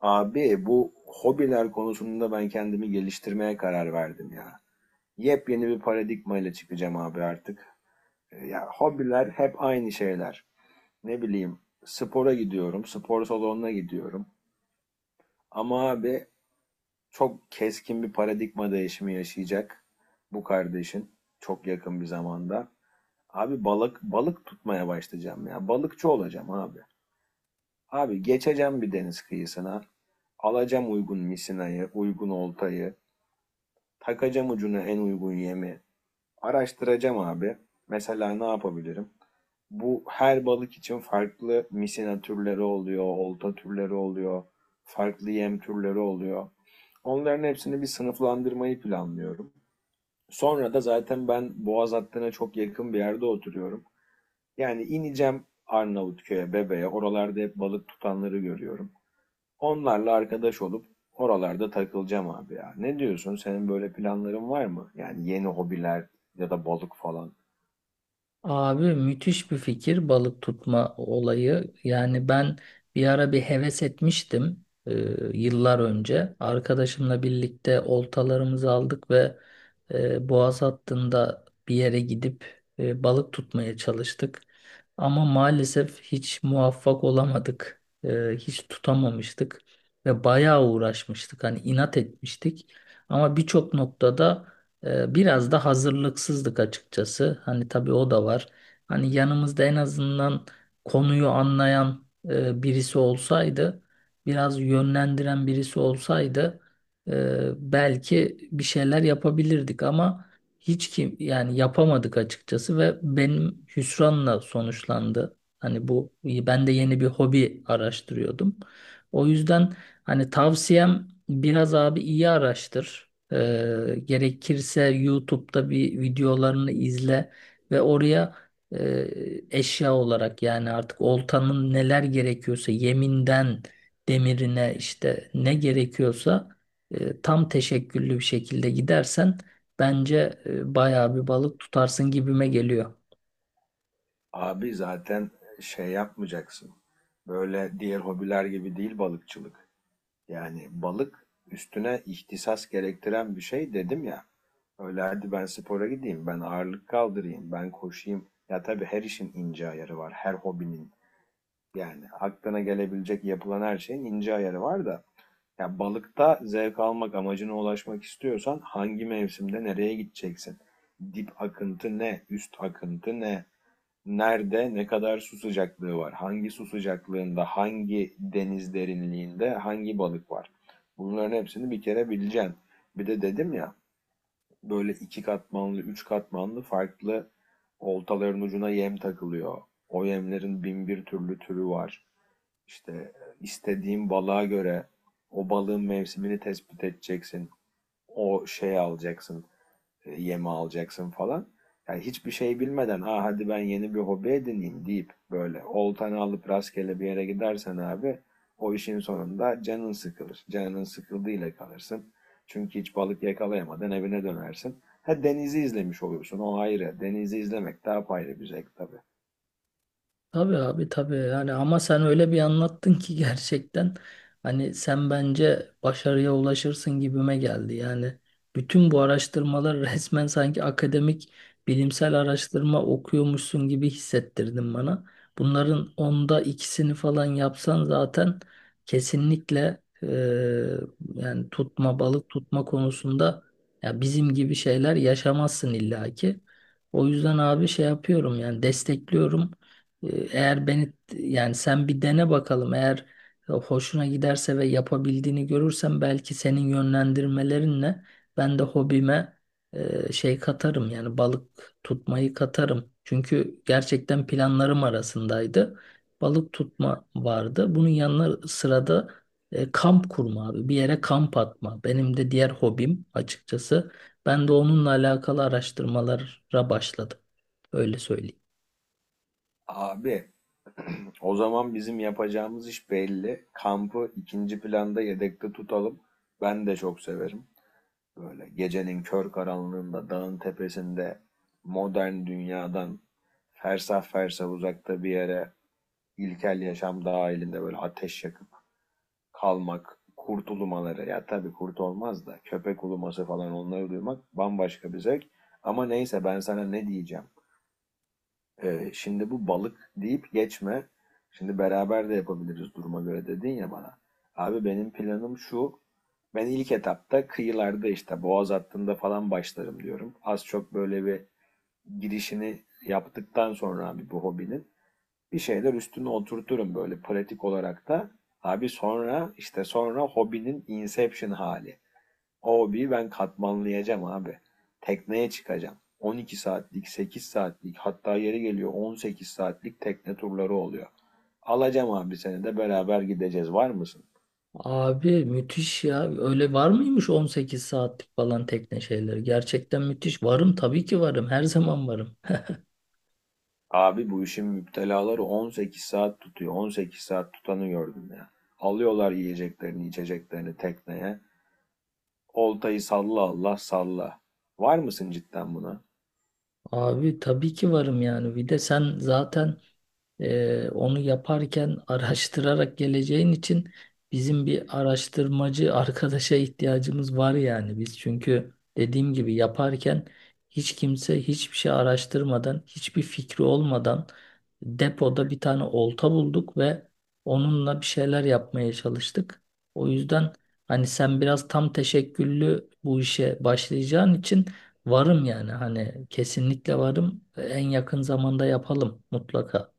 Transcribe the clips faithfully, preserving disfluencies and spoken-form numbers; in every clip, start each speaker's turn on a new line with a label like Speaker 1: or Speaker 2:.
Speaker 1: Abi bu hobiler konusunda ben kendimi geliştirmeye karar verdim ya. Yepyeni bir paradigma ile çıkacağım abi artık. E, Ya hobiler hep aynı şeyler. Ne bileyim spora gidiyorum, spor salonuna gidiyorum. Ama abi çok keskin bir paradigma değişimi yaşayacak bu kardeşin çok yakın bir zamanda. Abi balık balık tutmaya başlayacağım ya. Balıkçı olacağım abi. Abi geçeceğim bir deniz kıyısına. Alacağım uygun misinayı, uygun oltayı. Takacağım ucuna en uygun yemi. Araştıracağım abi. Mesela ne yapabilirim? Bu her balık için farklı misina türleri oluyor, olta türleri oluyor, farklı yem türleri oluyor. Onların hepsini bir sınıflandırmayı planlıyorum. Sonra da zaten ben Boğaz hattına çok yakın bir yerde oturuyorum. Yani ineceğim Arnavutköy'e, Bebe'ye. Oralarda hep balık tutanları görüyorum. Onlarla arkadaş olup oralarda takılacağım abi ya. Ne diyorsun? Senin böyle planların var mı? Yani yeni hobiler ya da balık falan.
Speaker 2: Abi müthiş bir fikir balık tutma olayı. Yani ben bir ara bir heves etmiştim, e, yıllar önce. Arkadaşımla birlikte oltalarımızı aldık ve e, boğaz hattında bir yere gidip e, balık tutmaya çalıştık. Ama maalesef hiç muvaffak olamadık. E, hiç tutamamıştık ve bayağı uğraşmıştık. Hani inat etmiştik. Ama birçok noktada ee, biraz da hazırlıksızlık açıkçası. Hani tabii o da var. Hani yanımızda en azından konuyu anlayan e, birisi olsaydı, biraz yönlendiren birisi olsaydı e, belki bir şeyler yapabilirdik ama hiç kim yani yapamadık açıkçası ve benim hüsranla sonuçlandı. Hani bu ben de yeni bir hobi araştırıyordum. O yüzden hani tavsiyem biraz abi iyi araştır. Ee, gerekirse YouTube'da bir videolarını izle ve oraya e, eşya olarak yani artık oltanın neler gerekiyorsa yeminden demirine işte ne gerekiyorsa e, tam teşekküllü bir şekilde gidersen bence e, bayağı bir balık tutarsın gibime geliyor.
Speaker 1: Abi zaten şey yapmayacaksın. Böyle diğer hobiler gibi değil balıkçılık. Yani balık üstüne ihtisas gerektiren bir şey dedim ya. Öyle hadi ben spora gideyim, ben ağırlık kaldırayım, ben koşayım. Ya tabii her işin ince ayarı var, her hobinin. Yani aklına gelebilecek yapılan her şeyin ince ayarı var da. Yani balıkta zevk almak amacına ulaşmak istiyorsan hangi mevsimde nereye gideceksin? Dip akıntı ne? Üst akıntı ne? Nerede ne kadar su sıcaklığı var? Hangi su sıcaklığında, hangi deniz derinliğinde hangi balık var? Bunların hepsini bir kere bileceksin. Bir de dedim ya böyle iki katmanlı, üç katmanlı farklı oltaların ucuna yem takılıyor. O yemlerin bin bir türlü türü var. İşte e, istediğin balığa göre o balığın mevsimini tespit edeceksin. O şeyi alacaksın, e, yemi alacaksın falan. Yani hiçbir şey bilmeden, ah hadi ben yeni bir hobi edineyim deyip böyle oltanı alıp rastgele bir yere gidersen abi o işin sonunda canın sıkılır. Canın sıkıldığıyla kalırsın. Çünkü hiç balık yakalayamadın evine dönersin. Ha denizi izlemiş olursun o ayrı. Denizi izlemek daha ayrı bir zevk tabii.
Speaker 2: Tabii abi, tabii yani ama sen öyle bir anlattın ki gerçekten hani sen bence başarıya ulaşırsın gibime geldi. Yani bütün bu araştırmalar resmen sanki akademik bilimsel araştırma okuyormuşsun gibi hissettirdin bana. Bunların onda ikisini falan yapsan zaten kesinlikle, eee, yani tutma balık tutma konusunda ya bizim gibi şeyler yaşamazsın illaki. O yüzden abi şey yapıyorum yani destekliyorum. Ee, Eğer beni yani sen bir dene bakalım, eğer hoşuna giderse ve yapabildiğini görürsem belki senin yönlendirmelerinle ben de hobime e, şey katarım yani balık tutmayı katarım. Çünkü gerçekten planlarım arasındaydı. Balık tutma vardı. Bunun yanına sırada e, kamp kurma abi. Bir yere kamp atma. Benim de diğer hobim açıkçası. Ben de onunla alakalı araştırmalara başladım. Öyle söyleyeyim.
Speaker 1: Abi o zaman bizim yapacağımız iş belli. Kampı ikinci planda yedekte tutalım. Ben de çok severim. Böyle gecenin kör karanlığında dağın tepesinde modern dünyadan fersah fersah uzakta bir yere ilkel yaşam dahilinde böyle ateş yakıp kalmak, kurt ulumaları ya tabii kurt olmaz da köpek uluması falan onları duymak bambaşka bir zevk. Ama neyse ben sana ne diyeceğim. Ee, şimdi bu balık deyip geçme. Şimdi beraber de yapabiliriz duruma göre dedin ya bana. Abi benim planım şu. Ben ilk etapta kıyılarda işte boğaz hattında falan başlarım diyorum. Az çok böyle bir girişini yaptıktan sonra abi bu hobinin bir şeyler üstüne oturturum böyle pratik olarak da. Abi sonra işte sonra hobinin inception hali. O hobiyi ben katmanlayacağım abi. Tekneye çıkacağım. on iki saatlik, sekiz saatlik hatta yeri geliyor on sekiz saatlik tekne turları oluyor. Alacağım abi seni de beraber gideceğiz. Var mısın?
Speaker 2: Abi müthiş ya. Öyle var mıymış on sekiz saatlik falan tekne şeyleri? Gerçekten müthiş. Varım, tabii ki varım. Her zaman varım.
Speaker 1: Abi bu işin müptelaları on sekiz saat tutuyor. on sekiz saat tutanı gördüm ya. Alıyorlar yiyeceklerini, içeceklerini tekneye. Oltayı salla Allah salla. Var mısın cidden buna?
Speaker 2: Abi tabii ki varım yani. Bir de sen zaten, Ee, onu yaparken araştırarak geleceğin için bizim bir araştırmacı arkadaşa ihtiyacımız var, yani biz çünkü dediğim gibi yaparken hiç kimse hiçbir şey araştırmadan, hiçbir fikri olmadan depoda bir tane olta bulduk ve onunla bir şeyler yapmaya çalıştık. O yüzden hani sen biraz tam teşekküllü bu işe başlayacağın için varım yani, hani kesinlikle varım, en yakın zamanda yapalım mutlaka.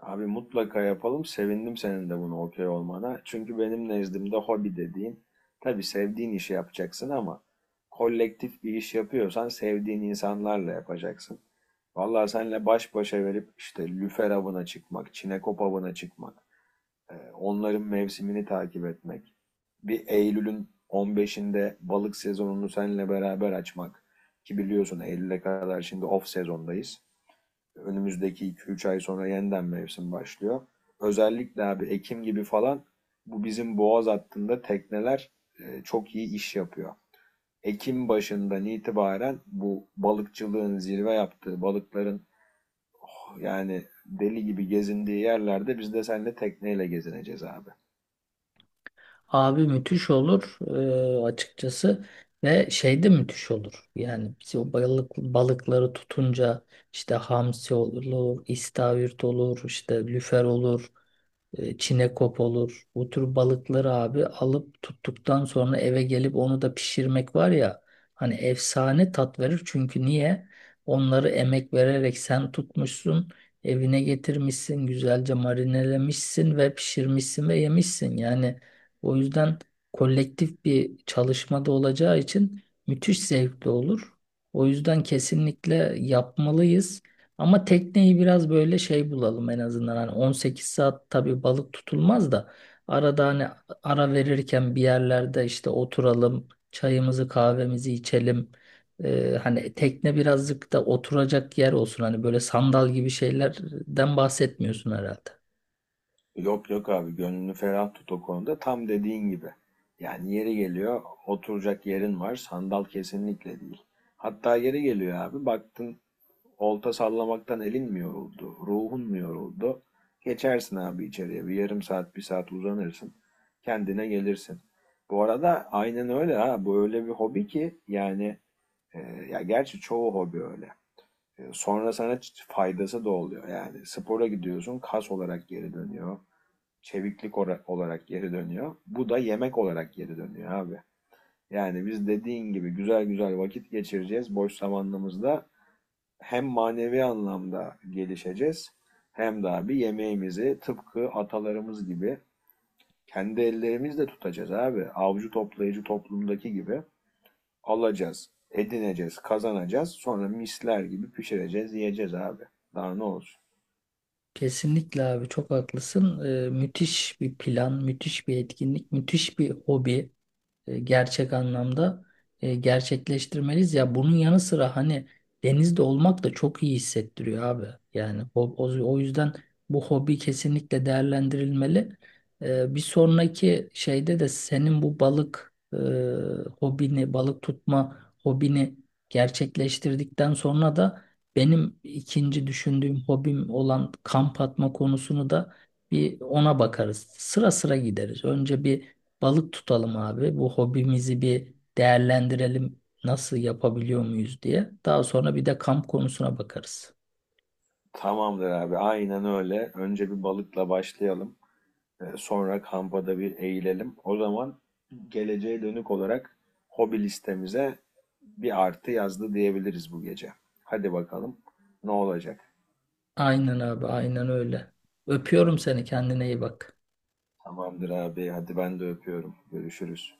Speaker 1: Abi mutlaka yapalım. Sevindim senin de buna okey olmana. Çünkü benim nezdimde hobi dediğin, tabii sevdiğin işi yapacaksın ama kolektif bir iş yapıyorsan sevdiğin insanlarla yapacaksın. Vallahi senle baş başa verip işte lüfer avına çıkmak, çinekop avına çıkmak, e, onların mevsimini takip etmek, bir Eylül'ün on beşinde balık sezonunu seninle beraber açmak ki biliyorsun Eylül'e kadar şimdi off sezondayız. Önümüzdeki iki üç ay sonra yeniden mevsim başlıyor. Özellikle abi Ekim gibi falan bu bizim boğaz hattında tekneler e, çok iyi iş yapıyor. Ekim başından itibaren bu balıkçılığın zirve yaptığı balıkların yani deli gibi gezindiği yerlerde biz de seninle tekneyle gezineceğiz abi.
Speaker 2: Abi müthiş olur eee, açıkçası. Ve şey de müthiş olur. Yani biz o balık, balıkları tutunca işte hamsi olur, istavrit olur, işte lüfer olur, eee, çinekop olur. Bu tür balıkları abi alıp tuttuktan sonra eve gelip onu da pişirmek var ya, hani efsane tat verir. Çünkü niye? Onları emek vererek sen tutmuşsun, evine getirmişsin, güzelce marinelemişsin ve pişirmişsin ve yemişsin. Yani o yüzden kolektif bir çalışmada olacağı için müthiş zevkli olur. O yüzden kesinlikle yapmalıyız. Ama tekneyi biraz böyle şey bulalım en azından. Hani on sekiz saat tabii balık tutulmaz da arada hani ara verirken bir yerlerde işte oturalım, çayımızı kahvemizi içelim. Ee, hani tekne birazcık da oturacak yer olsun. Hani böyle sandal gibi şeylerden bahsetmiyorsun herhalde.
Speaker 1: Yok yok abi gönlünü ferah tut o konuda tam dediğin gibi. Yani yeri geliyor oturacak yerin var sandal kesinlikle değil. Hatta yeri geliyor abi baktın olta sallamaktan elin mi yoruldu, ruhun mu yoruldu? Geçersin abi içeriye. Bir yarım saat, bir saat uzanırsın. Kendine gelirsin. Bu arada aynen öyle ha. Bu öyle bir hobi ki yani e, ya gerçi çoğu hobi öyle. E, sonra sana faydası da oluyor. Yani spora gidiyorsun, kas olarak geri dönüyor. Çeviklik olarak geri dönüyor. Bu da yemek olarak geri dönüyor abi. Yani biz dediğin gibi güzel güzel vakit geçireceğiz boş zamanımızda hem manevi anlamda gelişeceğiz hem de abi yemeğimizi tıpkı atalarımız gibi kendi ellerimizle tutacağız abi. Avcı toplayıcı toplumdaki gibi alacağız, edineceğiz, kazanacağız. Sonra misler gibi pişireceğiz, yiyeceğiz abi. Daha ne olsun?
Speaker 2: Kesinlikle abi, çok haklısın. Ee, müthiş bir plan, müthiş bir etkinlik, müthiş bir hobi, e, gerçek anlamda e, gerçekleştirmeliyiz. Ya bunun yanı sıra hani denizde olmak da çok iyi hissettiriyor abi. Yani o, o, o yüzden bu hobi kesinlikle değerlendirilmeli. E, bir sonraki şeyde de senin bu balık, e, hobini, balık tutma hobini gerçekleştirdikten sonra da benim ikinci düşündüğüm hobim olan kamp atma konusunu da bir ona bakarız. Sıra sıra gideriz. Önce bir balık tutalım abi. Bu hobimizi bir değerlendirelim. Nasıl, yapabiliyor muyuz diye. Daha sonra bir de kamp konusuna bakarız.
Speaker 1: Tamamdır abi, aynen öyle. Önce bir balıkla başlayalım. Ee, Sonra kampa da bir eğilelim. O zaman geleceğe dönük olarak hobi listemize bir artı yazdı diyebiliriz bu gece. Hadi bakalım ne olacak.
Speaker 2: Aynen abi, aynen öyle. Öpüyorum seni. Kendine iyi bak.
Speaker 1: Tamamdır abi. Hadi ben de öpüyorum. Görüşürüz.